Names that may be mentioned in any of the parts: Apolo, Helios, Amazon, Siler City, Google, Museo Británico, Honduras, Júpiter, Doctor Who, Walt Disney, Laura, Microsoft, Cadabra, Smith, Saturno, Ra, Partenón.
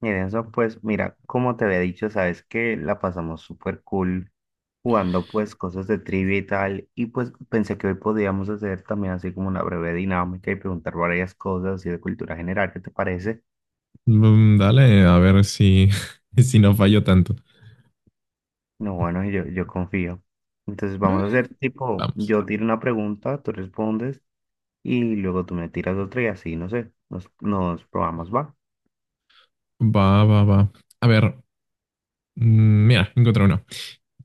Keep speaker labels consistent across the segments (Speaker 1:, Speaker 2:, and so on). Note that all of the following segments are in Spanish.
Speaker 1: Miren, eso pues, mira, como te había dicho, sabes que la pasamos súper cool jugando pues cosas de trivia y tal, y pues pensé que hoy podíamos hacer también así como una breve dinámica y preguntar varias cosas así de cultura general, ¿qué te parece?
Speaker 2: Mm, dale, a ver si no fallo tanto.
Speaker 1: No, bueno, yo confío. Entonces vamos a
Speaker 2: Eh,
Speaker 1: hacer tipo,
Speaker 2: Vamos.
Speaker 1: yo tiro una pregunta, tú respondes y luego tú me tiras otra y así, no sé, nos probamos, va.
Speaker 2: Va, va, va. A ver, mira, encontré uno.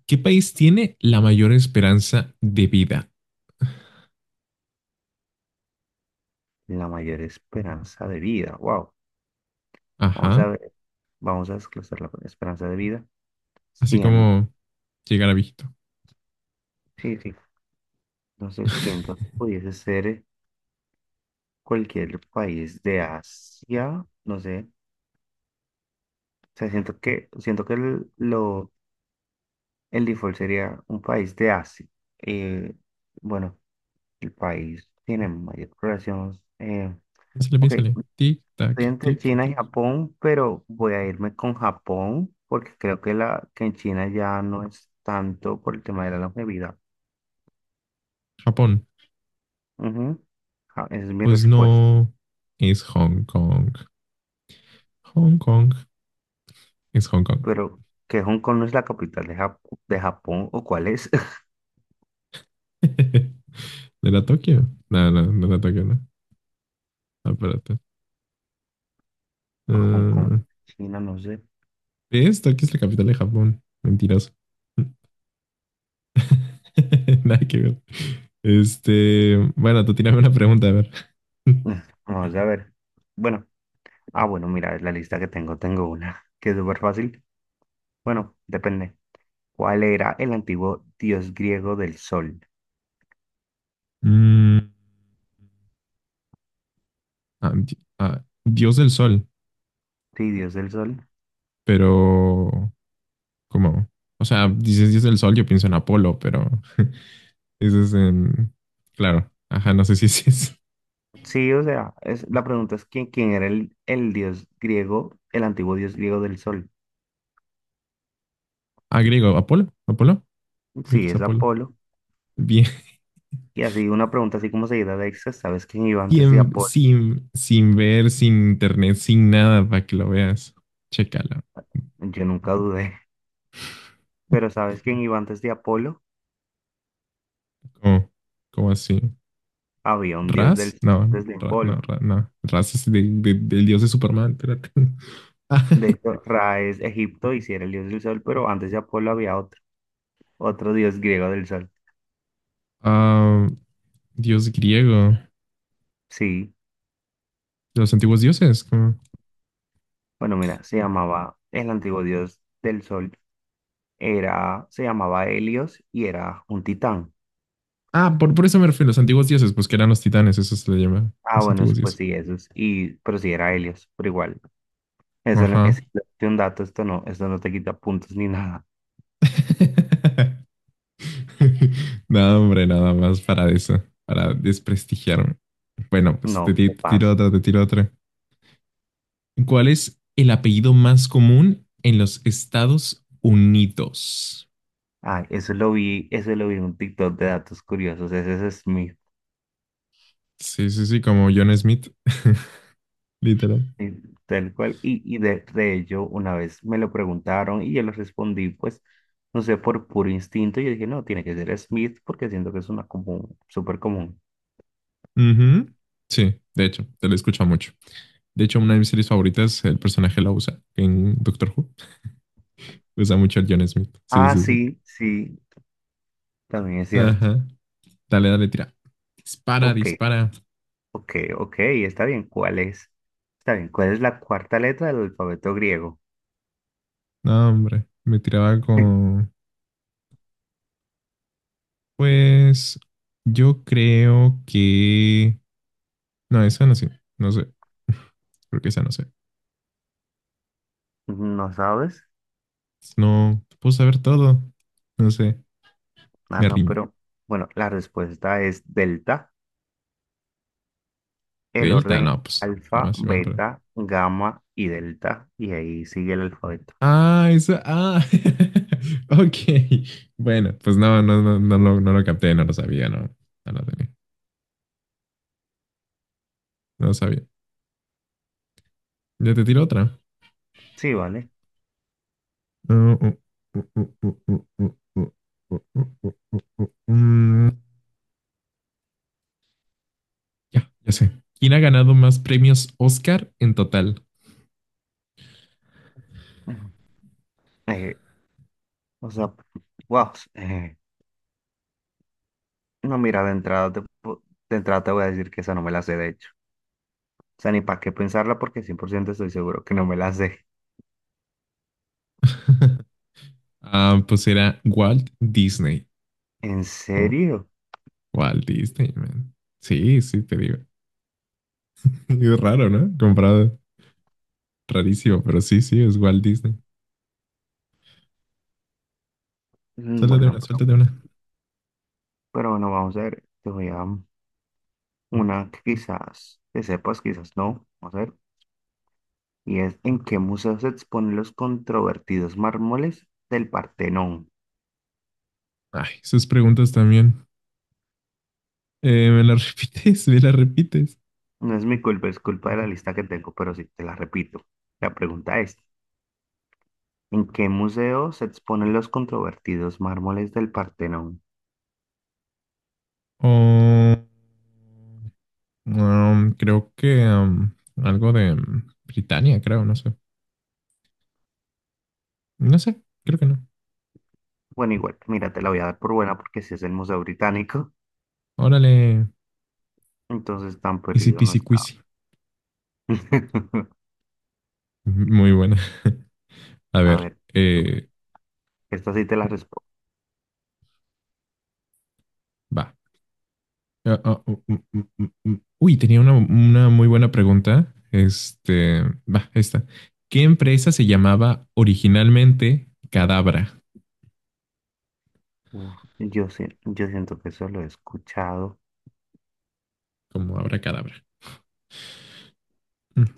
Speaker 2: ¿Qué país tiene la mayor esperanza de vida?
Speaker 1: La mayor esperanza de vida, wow. Vamos
Speaker 2: Ajá,
Speaker 1: a ver, vamos a desglosar la esperanza de vida.
Speaker 2: así
Speaker 1: 100.
Speaker 2: como llegar a viejito.
Speaker 1: Sí, sí. No sé, siento que pudiese ser cualquier país de Asia, no sé. O sea, siento que el, lo, el default sería un país de Asia. Eh, bueno, el país tiene mayor población.
Speaker 2: Piénsale,
Speaker 1: Ok,
Speaker 2: piénsale. Tic,
Speaker 1: estoy
Speaker 2: tac,
Speaker 1: entre
Speaker 2: tic,
Speaker 1: China
Speaker 2: tac.
Speaker 1: y Japón, pero voy a irme con Japón porque creo que, que en China ya no es tanto por el tema de la longevidad.
Speaker 2: Japón.
Speaker 1: Ujú. Esa es mi
Speaker 2: Pues
Speaker 1: respuesta.
Speaker 2: no, es Hong Kong. Hong Kong es Hong Kong.
Speaker 1: Pero, ¿que Hong Kong no es la capital de de Japón o cuál es?
Speaker 2: ¿No era Tokio? No, no, no era Tokio, no. Espérate.
Speaker 1: Pues con
Speaker 2: Ah.
Speaker 1: China, no sé.
Speaker 2: ¿Ves? Tokio es la capital de Japón. Mentiroso. Nada que ver. Este, bueno, tú tírame una pregunta, a ver.
Speaker 1: Mm. Vamos a ver. Bueno, bueno, mira, la lista que tengo, tengo una que es súper fácil. Bueno, depende. ¿Cuál era el antiguo dios griego del sol?
Speaker 2: Mm, Dios del Sol,
Speaker 1: Sí, dios del sol.
Speaker 2: pero ¿cómo? O sea, dices Dios del Sol, yo pienso en Apolo, pero eso es en... Claro. Ajá, no sé si es-
Speaker 1: Sí, o sea, es, la pregunta es quién era el dios griego, el antiguo dios griego del sol.
Speaker 2: ah, griego. ¿Apolo? ¿Apolo? Creo que
Speaker 1: Sí,
Speaker 2: es
Speaker 1: es
Speaker 2: Apolo.
Speaker 1: Apolo.
Speaker 2: Bien.
Speaker 1: Y así una pregunta así como seguida de extra, ¿sabes quién iba antes de
Speaker 2: Sin,
Speaker 1: Apolo?
Speaker 2: sin, sin ver, sin internet, sin nada para que lo veas. Chécala.
Speaker 1: Yo nunca dudé. Pero ¿sabes quién iba antes de Apolo?
Speaker 2: ¿Cómo? ¿Cómo así?
Speaker 1: Había un dios
Speaker 2: ¿Ras?
Speaker 1: del
Speaker 2: No.
Speaker 1: desde
Speaker 2: Ra- no,
Speaker 1: Apolo.
Speaker 2: Ra- no. Ras es del dios de Superman. Espérate.
Speaker 1: De hecho, Ra es Egipto y sí era el dios del sol, pero antes de Apolo había otro, otro dios griego del sol.
Speaker 2: Ah, dios griego.
Speaker 1: Sí,
Speaker 2: ¿De los antiguos dioses? ¿Cómo?
Speaker 1: bueno, mira, se llamaba, el antiguo dios del sol era, se llamaba Helios y era un titán.
Speaker 2: Ah, por eso me refiero. Los antiguos dioses, pues que eran los titanes. Eso se le llama.
Speaker 1: Ah,
Speaker 2: Los
Speaker 1: bueno,
Speaker 2: antiguos
Speaker 1: pues
Speaker 2: dioses.
Speaker 1: sí, eso es, y, pero sí era Helios, pero igual, eso no- es
Speaker 2: Ajá.
Speaker 1: simplemente un dato, esto no te quita puntos ni nada.
Speaker 2: No, hombre, nada más para eso, para desprestigiarme. Bueno,
Speaker 1: No, qué
Speaker 2: te tiro
Speaker 1: pasa.
Speaker 2: otra, te tiro otra. ¿Cuál es el apellido más común en los Estados Unidos?
Speaker 1: Ah, eso lo vi en un TikTok de datos curiosos, ese es mi.
Speaker 2: Sí, sí, sí, como John Smith, literal.
Speaker 1: Sí, tal cual. Y, de ello, una vez me lo preguntaron y yo les respondí, pues, no sé, por puro instinto, yo dije, no, tiene que ser Smith porque siento que es una común, súper común.
Speaker 2: Ujú. Sí, de hecho, te lo escucho mucho. De hecho, una de mis series favoritas, el personaje la usa en Doctor Who. Usa mucho el John Smith. Sí,
Speaker 1: Ah,
Speaker 2: sí, sí.
Speaker 1: sí, sí, también es cierto.
Speaker 2: Ajá. Dale, dale, tira. Dispara,
Speaker 1: Ok,
Speaker 2: dispara.
Speaker 1: ok, está bien. ¿Cuál es? Está bien, ¿cuál es la cuarta letra del alfabeto griego?
Speaker 2: No, hombre, me tiraba con... Pues yo creo que... No, esa no sé. No sé. Creo que esa no sé.
Speaker 1: ¿No sabes?
Speaker 2: No puedo saber todo. No sé.
Speaker 1: Ah,
Speaker 2: Me
Speaker 1: no,
Speaker 2: rindo.
Speaker 1: pero bueno, la respuesta es delta. El
Speaker 2: Delta,
Speaker 1: orden es
Speaker 2: no, pues
Speaker 1: alfa,
Speaker 2: jamás iba a aprender.
Speaker 1: beta, gamma y delta. Y ahí sigue el alfabeto.
Speaker 2: Ah, esa. Ah, ok. Bueno, pues no, no, no, no, no lo capté, no lo sabía, no. No lo tenía. No lo sabía. Ya te tiro otra.
Speaker 1: Sí, vale.
Speaker 2: Uh, uh, uh, uh, uh, uh, uh, Mm, Ya, ya sé. ¿Quién ha ganado más premios Oscar en total?
Speaker 1: Ujú. Eh, o sea, wow. No, mira, de entrada te voy a decir que esa no me la sé, de hecho. O sea, ni para qué pensarla porque 100% estoy seguro que no me la sé.
Speaker 2: Ah, pues era Walt Disney.
Speaker 1: ¿En
Speaker 2: Como
Speaker 1: serio?
Speaker 2: Walt Disney, man. Sí, sí, te digo. Es raro, ¿no? Comprado. Rarísimo, pero sí, sí, es Walt Disney.
Speaker 1: Mm.
Speaker 2: Suéltate una, suéltate una.
Speaker 1: Pero bueno, vamos a ver. Te voy a una que quizás te sepas, quizás no. Vamos a ver. Y es ¿en qué museo se exponen los controvertidos mármoles del Partenón?
Speaker 2: Ay, sus preguntas también. ¿Me las repites? ¿Me las repites?
Speaker 1: No es mi culpa, es culpa de la lista que tengo, pero sí, te la repito. La pregunta es, ¿en qué museo se exponen los controvertidos mármoles del Partenón?
Speaker 2: Oh, creo que algo de Britania, creo, no sé. No sé, creo que no.
Speaker 1: Bueno, igual, mira, te la voy a dar por buena porque si es el Museo Británico,
Speaker 2: Órale,
Speaker 1: entonces tan
Speaker 2: easy
Speaker 1: perdido no
Speaker 2: peasy
Speaker 1: está.
Speaker 2: quizy. Muy buena. A
Speaker 1: A
Speaker 2: ver,
Speaker 1: ver, esta sí te la respondo.
Speaker 2: va. Uy, tenía una muy buena pregunta. Este, va, esta. ¿Qué empresa se llamaba originalmente Cadabra?
Speaker 1: Uf, yo siento que eso lo he escuchado.
Speaker 2: Como Abracadabra. Mm.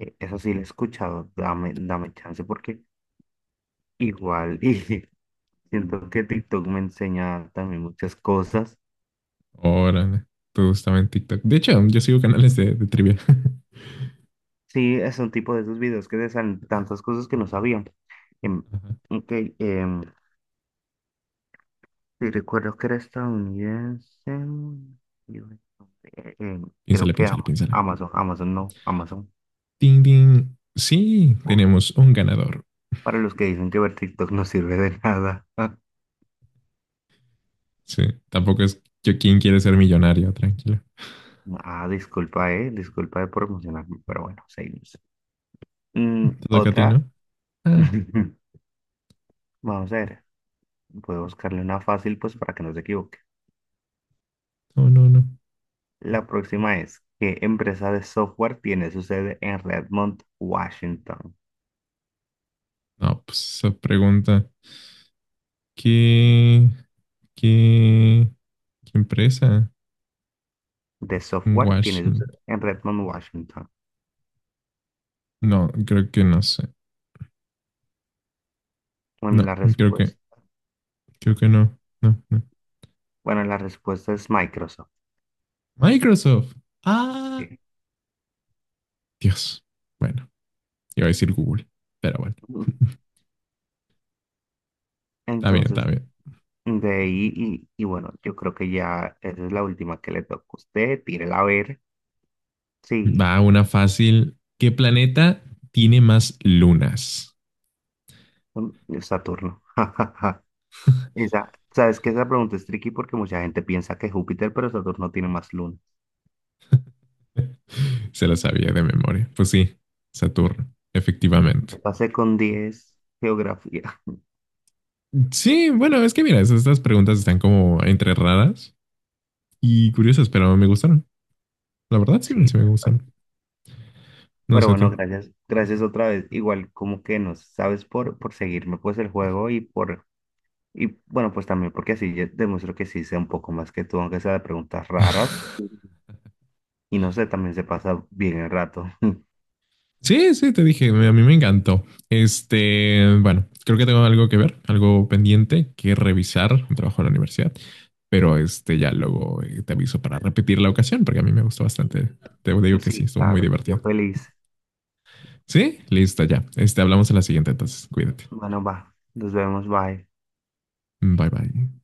Speaker 1: Eso sí lo he escuchado. Dame chance porque igual, y siento que TikTok me enseña también muchas cosas.
Speaker 2: Órale, todo estaba en TikTok. De hecho, yo sigo canales de trivia.
Speaker 1: Sí, es un tipo de esos videos que te salen tantas cosas que no sabían. Em,
Speaker 2: Ajá.
Speaker 1: ok, em, sí, recuerdo que era estadounidense. y, eh, eh, Creo
Speaker 2: Piénsala,
Speaker 1: que
Speaker 2: piénsala,
Speaker 1: Ama-
Speaker 2: piénsala.
Speaker 1: Amazon, Amazon no, Amazon.
Speaker 2: Ding, ding. Sí,
Speaker 1: Por-
Speaker 2: tenemos un ganador.
Speaker 1: para los que dicen que ver TikTok no sirve de nada.
Speaker 2: Sí, tampoco es yo quien quiere ser millonario, tranquila.
Speaker 1: Ah, disculpa, disculpa de por emocionarme, pero bueno, seguimos. Mm,
Speaker 2: ¿Te toca a ti, no?
Speaker 1: otra.
Speaker 2: Ah,
Speaker 1: Vamos a ver, voy a buscarle una fácil pues para que no se equivoque.
Speaker 2: no, no, no.
Speaker 1: La próxima es, ¿qué empresa de software tiene su sede en Redmond, Washington?
Speaker 2: No, pues esa pregunta. ¿Qué, qué, ¿qué empresa
Speaker 1: De
Speaker 2: en
Speaker 1: software tiene su
Speaker 2: Washington?
Speaker 1: sede en Redmond, Washington.
Speaker 2: No, creo que no sé.
Speaker 1: Bueno,
Speaker 2: No,
Speaker 1: la
Speaker 2: creo que,
Speaker 1: respuesta.
Speaker 2: creo que no. No, no.
Speaker 1: Bueno, la respuesta es Microsoft.
Speaker 2: Microsoft. Ah,
Speaker 1: Sí.
Speaker 2: Dios. Bueno, iba a decir Google, pero bueno. Está bien, está
Speaker 1: Entonces,
Speaker 2: bien.
Speaker 1: de ahí, y bueno, yo creo que ya esa es la última que le toca a usted. Tírela a ver. Sí,
Speaker 2: Va, una fácil. ¿Qué planeta tiene más lunas?
Speaker 1: mm, Saturno. Esa, sabes que esa pregunta es tricky porque mucha gente piensa que Júpiter, pero Saturno tiene más lunas.
Speaker 2: Se lo sabía de memoria. Pues sí, Saturno, efectivamente.
Speaker 1: Yo pasé con 10. Geografía.
Speaker 2: Sí, bueno, es que mira, es- estas preguntas están como entre raras y curiosas, pero me gustaron. La verdad,
Speaker 1: Sí,
Speaker 2: sí me
Speaker 1: tal cual.
Speaker 2: gustaron. No
Speaker 1: Pero
Speaker 2: sé a ti.
Speaker 1: bueno, gracias, gracias otra vez. Igual como que nos sabes por seguirme pues el juego y por. Y bueno, pues también porque así yo demuestro que sí sé un poco más que tú, aunque sea de preguntas raras. Y no sé, también se pasa bien el rato.
Speaker 2: Sí, sí, te dije, a mí me encantó. Este, bueno, creo que tengo algo que ver, algo pendiente que revisar, un trabajo en la universidad, pero este ya luego te aviso para repetir la ocasión porque a mí me gustó bastante. Te digo que sí,
Speaker 1: Sí,
Speaker 2: estuvo muy
Speaker 1: claro, yo
Speaker 2: divertido.
Speaker 1: feliz.
Speaker 2: Sí, listo ya. Este, hablamos en la siguiente entonces. Cuídate.
Speaker 1: Bueno, va, nos vemos, bye.
Speaker 2: Bye bye.